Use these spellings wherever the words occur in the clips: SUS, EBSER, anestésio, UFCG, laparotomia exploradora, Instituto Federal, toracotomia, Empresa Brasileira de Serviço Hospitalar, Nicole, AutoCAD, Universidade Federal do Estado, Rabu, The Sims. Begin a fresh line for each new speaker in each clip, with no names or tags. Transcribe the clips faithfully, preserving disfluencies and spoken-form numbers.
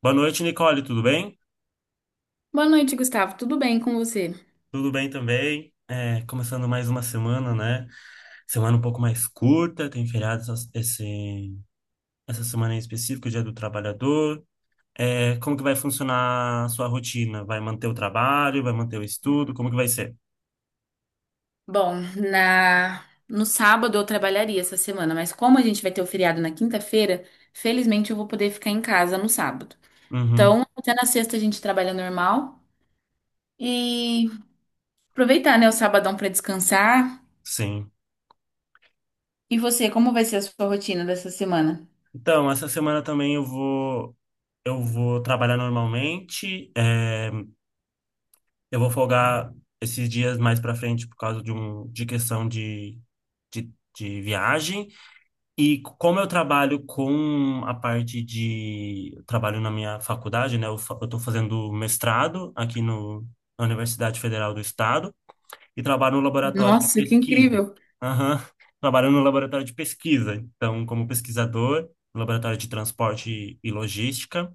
Boa noite, Nicole, tudo bem?
Boa noite, Gustavo. Tudo bem com você?
Tudo bem também. É, começando mais uma semana, né? Semana um pouco mais curta, tem feriado essa, esse- essa semana em específico, Dia do Trabalhador. É, como que vai funcionar a sua rotina? Vai manter o trabalho, vai manter o estudo? Como que vai ser?
Bom, na no sábado eu trabalharia essa semana, mas como a gente vai ter o feriado na quinta-feira, felizmente eu vou poder ficar em casa no sábado.
Uhum,
Então, até na sexta a gente trabalha normal e aproveitar, né, o sabadão para descansar.
sim.
E você, como vai ser a sua rotina dessa semana?
Então, essa semana também eu vou, eu vou trabalhar normalmente. É, eu vou folgar esses dias mais para frente por causa de, um, de questão de, de de viagem. E como eu trabalho com a parte de. Eu trabalho na minha faculdade, né? Eu estou fazendo mestrado aqui no, na Universidade Federal do Estado e trabalho no laboratório de
Nossa, que
pesquisa.
incrível!
Aham. Trabalho no laboratório de pesquisa. Então, como pesquisador, no laboratório de transporte e logística.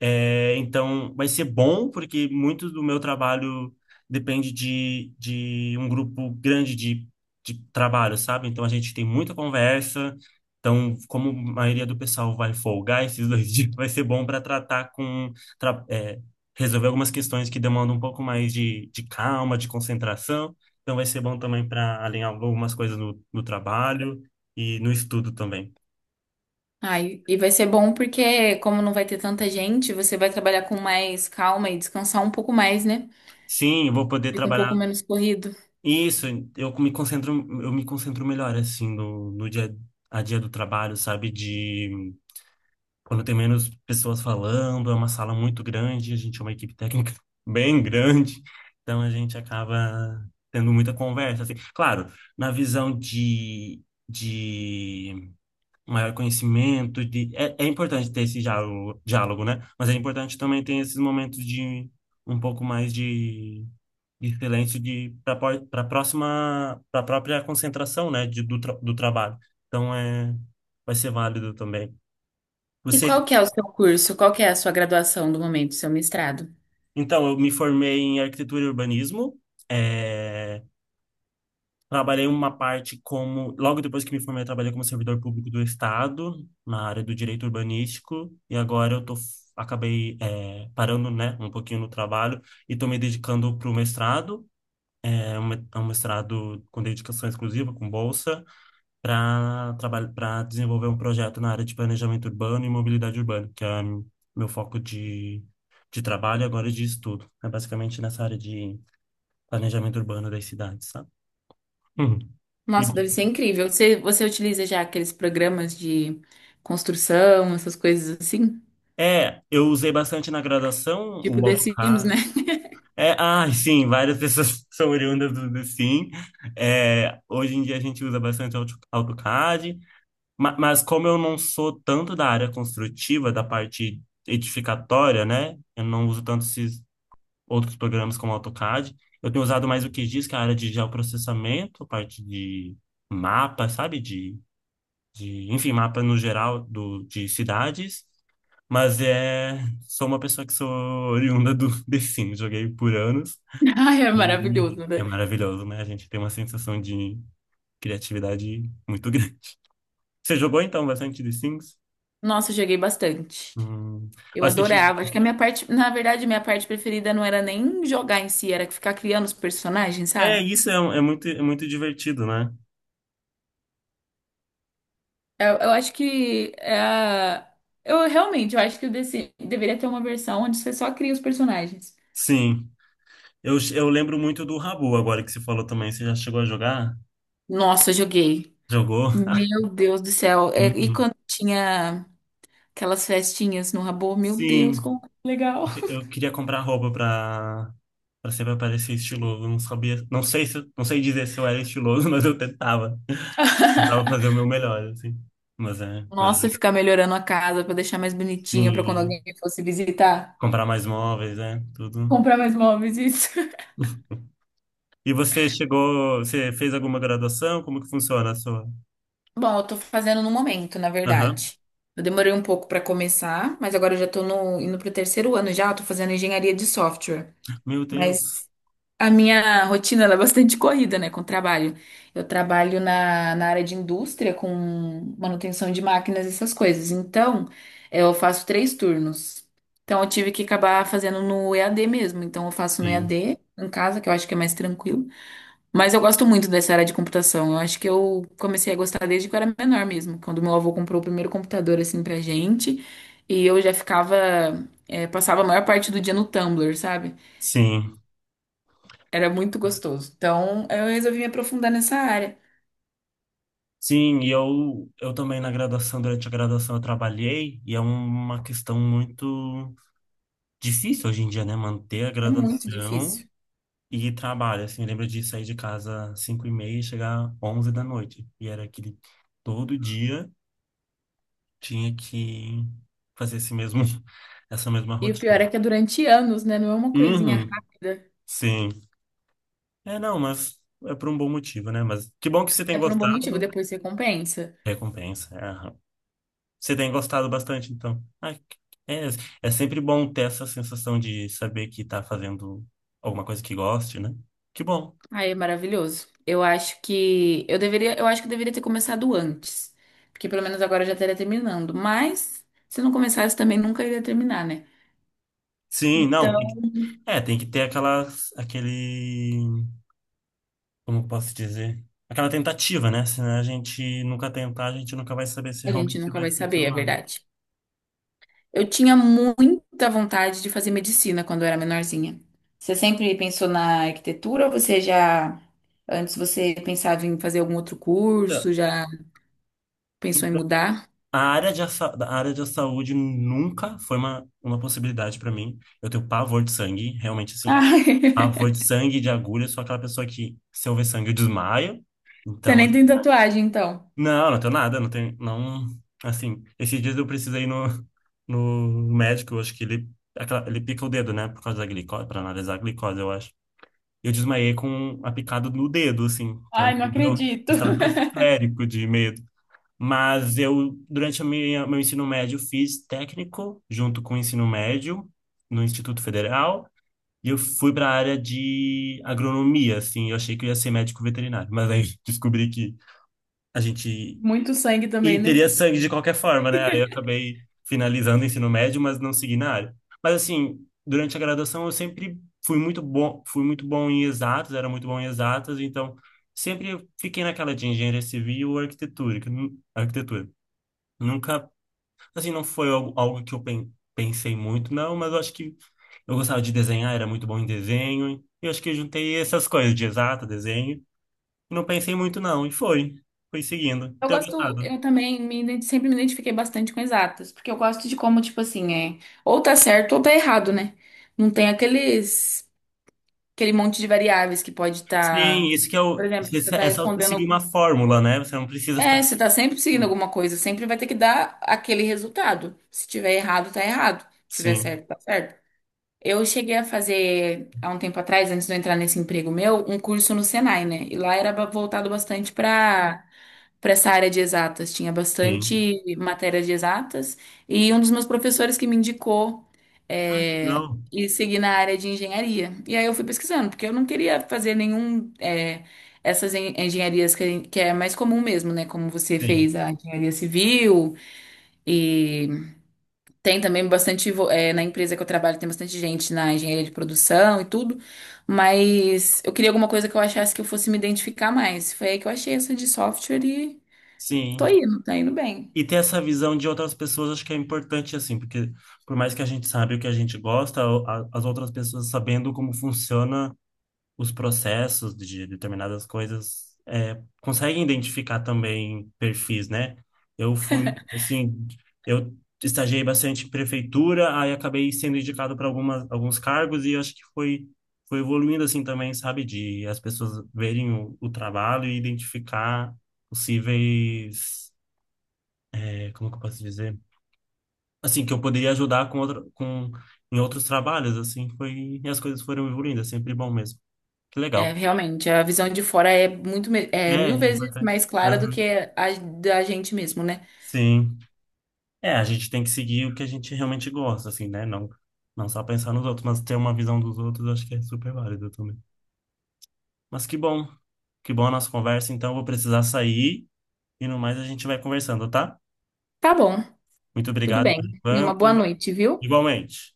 É, então, vai ser bom, porque muito do meu trabalho depende de, de um grupo grande de, de trabalho, sabe? Então, a gente tem muita conversa. Então, como a maioria do pessoal vai folgar esses dois dias, vai ser bom para tratar com, tra- é, resolver algumas questões que demandam um pouco mais de, de calma, de concentração. Então, vai ser bom também para alinhar algumas coisas no, no trabalho e no estudo também.
Ai, e vai ser bom porque, como não vai ter tanta gente, você vai trabalhar com mais calma e descansar um pouco mais, né?
Sim, eu vou poder
Fica um
trabalhar.
pouco menos corrido.
Isso, eu me concentro, eu me concentro melhor, assim, no, no dia a dia do trabalho, sabe? De quando tem menos pessoas falando, é uma sala muito grande, a gente é uma equipe técnica bem grande, então a gente acaba tendo muita conversa, assim. Claro, na visão de, de maior conhecimento de é, é importante ter esse diálogo, diálogo, né? Mas é importante também ter esses momentos de um pouco mais de, de silêncio de para para próxima para própria concentração, né, de, do, tra- do trabalho. Então é Vai ser válido também.
E
Você
qual que é o seu curso? Qual que é a sua graduação do momento, seu mestrado?
Então eu me formei em arquitetura e urbanismo. É, trabalhei uma parte como, logo depois que me formei, eu trabalhei como servidor público do Estado, na área do direito urbanístico, e agora eu tô, acabei eh, parando, né, um pouquinho no trabalho e tô me dedicando para o mestrado, é um me- é um mestrado com dedicação exclusiva, com bolsa, para trabalhar, para desenvolver um projeto na área de planejamento urbano e mobilidade urbana, que é meu foco de, de trabalho e agora de estudo. É basicamente nessa área de planejamento urbano das cidades, sabe? Uhum.
Nossa, deve ser incrível. Você, você utiliza já aqueles programas de construção, essas coisas assim?
É, eu usei bastante na graduação
Tipo
o
The Sims, né?
AutoCAD. É, ah, sim, várias pessoas são oriundas do, do Sim. É, hoje em dia a gente usa bastante Auto- AutoCAD, ma- mas como eu não sou tanto da área construtiva, da parte edificatória, né? Eu não uso tanto esses outros programas como AutoCAD. Eu tenho usado mais o que diz que é a área de geoprocessamento, parte de mapa, sabe? De, enfim, mapa no geral do, de cidades. Mas é, Sou uma pessoa que sou oriunda do The Sims, joguei por anos
Ai, é
e
maravilhoso,
é
né?
maravilhoso, né? A gente tem uma sensação de criatividade muito grande. Você jogou então bastante The Sims?
Nossa, eu joguei bastante.
Hum.
Eu
Mas você che-
adorava. Acho que a minha parte, na verdade, minha parte preferida não era nem jogar em si, era ficar criando os personagens,
É,
sabe?
isso é, um- é muito, é muito divertido, né?
Eu, eu acho que é a- eu realmente, eu acho que o The Sims deveria ter uma versão onde você só cria os personagens.
Sim. Eu, eu lembro muito do Rabu agora que você falou também. Você já chegou a jogar?
Nossa, eu joguei.
Jogou?
Meu Deus do céu. É, e
Uhum.
quando tinha aquelas festinhas no Rabô, meu Deus,
Sim.
como que é legal.
Eu queria comprar roupa pra, pra sempre parecer estiloso. Não sabia, não sei se, não sei dizer se eu era estiloso, mas eu tentava. Tentava fazer o meu melhor, assim. Mas é, mas é
Nossa,
legal.
ficar melhorando a casa pra deixar mais bonitinha pra quando
Sim,
alguém fosse visitar.
comprar mais móveis, né? Tudo.
Comprar mais móveis, isso.
E você chegou, você fez alguma graduação? Como que funciona a sua?
Bom, eu tô fazendo no momento, na
Aham.
verdade. Eu demorei um pouco pra começar, mas agora eu já tô no, indo pro terceiro ano já, eu tô fazendo engenharia de software.
Meu
Mas
Deus.
a minha rotina ela é bastante corrida, né, com o trabalho. Eu trabalho na, na área de indústria com manutenção de máquinas e essas coisas. Então, eu faço três turnos. Então, eu tive que acabar fazendo no E A D mesmo. Então, eu faço no
Sim.
E A D em casa, que eu acho que é mais tranquilo. Mas eu gosto muito dessa área de computação. Eu acho que eu comecei a gostar desde que eu era menor mesmo, quando meu avô comprou o primeiro computador assim pra gente. E eu já ficava, eh, passava a maior parte do dia no Tumblr, sabe?
Sim.
Era muito gostoso. Então, eu resolvi me aprofundar nessa área.
Sim, e eu, eu também na graduação, durante a graduação eu trabalhei, e é uma questão muito difícil hoje em dia, né? Manter a
É muito
graduação
difícil.
e trabalho, assim, eu lembro de sair de casa às cinco e meia e chegar às onze da noite. E era aquele... Todo dia tinha que fazer esse mesmo... essa mesma
E o pior
rotina.
é que é durante anos, né? Não é uma coisinha
Uhum,
rápida.
sim. É, não, Mas é por um bom motivo, né? Mas que bom que você tem
É por um bom motivo,
gostado.
depois você compensa.
Recompensa. É, aham. Você tem gostado bastante, então. Ai, que- é, é sempre bom ter essa sensação de saber que tá fazendo alguma coisa que goste, né? Que bom.
Aí é maravilhoso. Eu acho que eu deveria, eu acho que eu deveria ter começado antes, porque pelo menos agora eu já estaria terminando. Mas se não começasse também nunca iria terminar, né?
Sim, não. tem
Então,
que- É, tem que ter aquelas, aquele, como eu posso dizer? Aquela tentativa, né? Se a gente nunca tentar, a gente nunca vai saber se
a gente
realmente
nunca
vai
vai saber, é
funcionar.
verdade. Eu tinha muita vontade de fazer medicina quando eu era menorzinha. Você sempre pensou na arquitetura ou você já, antes você pensava em fazer algum outro curso,
Então,
já pensou em
então,
mudar?
a área de, a, a área de saúde nunca foi uma, uma possibilidade para mim. Eu tenho pavor de sangue, realmente assim.
Ai,
Pavor de sangue, de agulha, eu sou aquela pessoa que, se eu ver sangue, eu desmaio.
você
Então,
nem
assim,
tem tatuagem, então.
não, não tenho nada, não tenho, não, assim, esses dias eu precisei ir no, no médico, eu acho que ele, aquela- ele pica o dedo, né, por causa da glicose, para analisar a glicose, eu acho. Eu desmaiei com a picada no dedo, assim, que é um
Ai, não
nível
acredito.
estratosférico de medo. Mas eu, durante a minha, meu ensino médio, fiz técnico junto com o ensino médio no Instituto Federal. E eu fui para a área de agronomia, assim. Eu achei que eu ia ser médico veterinário, mas aí descobri que a gente
Muito sangue também,
e teria
né?
sangue de qualquer forma, né? Aí eu acabei finalizando o ensino médio, mas não segui na área. Mas assim, durante a graduação eu sempre fui muito bom, fui muito bom em exatas, era muito bom em exatas, então sempre eu fiquei naquela de engenharia civil ou arquitetura, que nu- arquitetura. Nunca, assim, não foi algo, algo que eu pen- pensei muito, não, mas eu acho que eu gostava de desenhar, era muito bom em desenho. E eu acho que eu juntei essas coisas de exata, desenho, não pensei muito não, e foi, foi seguindo. E
Eu
tenho
gosto,
gostado.
eu também me ident- sempre me identifiquei bastante com exatas, porque eu gosto de como, tipo assim, é, ou tá certo ou tá errado, né? Não tem aqueles aquele monte de variáveis que pode
Sim,
estar.
isso que é
Por
o.
exemplo, você
essa
está
É você seguir
respondendo.
uma fórmula, né? Você não precisa ficar.
É, você está sempre seguindo alguma coisa, sempre vai ter que dar aquele resultado. Se tiver errado, tá errado. Se tiver
Sim,
certo, tá certo. Eu cheguei a fazer, há um tempo atrás, antes de eu entrar nesse emprego meu, um curso no Senai, né? E lá era ba- voltado bastante para para essa área de exatas. Tinha
sim.
bastante matéria de exatas. E um dos meus professores que me indicou
Ah, que
é,
legal.
ir seguir na área de engenharia. E aí eu fui pesquisando, porque eu não queria fazer nenhum. É, essas en- engenharias que, que é mais comum mesmo, né? Como você
Sim,
fez a engenharia civil. E tem também bastante. Vo- é, na empresa que eu trabalho, tem bastante gente na engenharia de produção e tudo. Mas eu queria alguma coisa que eu achasse que eu fosse me identificar mais. Foi aí que eu achei essa de software. Tô
sim.
indo, tá indo bem.
E ter essa visão de outras pessoas acho que é importante, assim, porque por mais que a gente saiba o que a gente gosta, o- a- as outras pessoas sabendo como funciona os processos de determinadas coisas é, conseguem identificar também perfis, né? Eu fui, assim, eu estagiei bastante em prefeitura, aí acabei sendo indicado para algumas alguns cargos e acho que foi foi evoluindo assim também, sabe, de as pessoas verem o, o trabalho e identificar possíveis, é, como que eu posso dizer? Assim, que eu poderia ajudar com outra, com em outros trabalhos, assim, foi, e as coisas foram evoluindo, é sempre bom mesmo. Que
É,
legal.
realmente, a visão de fora é muito, me-
É,
é mil
é
vezes
importante.
mais clara do
Aham,
que a da gente mesmo, né?
sim. É, a gente tem que seguir o que a gente realmente gosta, assim, né? Não, não só pensar nos outros, mas ter uma visão dos outros, eu acho que é super válido também. Mas que bom. Que bom a nossa conversa, então eu vou precisar sair e no mais a gente vai conversando, tá?
Tá bom,
Muito
tudo
obrigado
bem.
por
E uma
enquanto.
boa noite, viu?
Igualmente.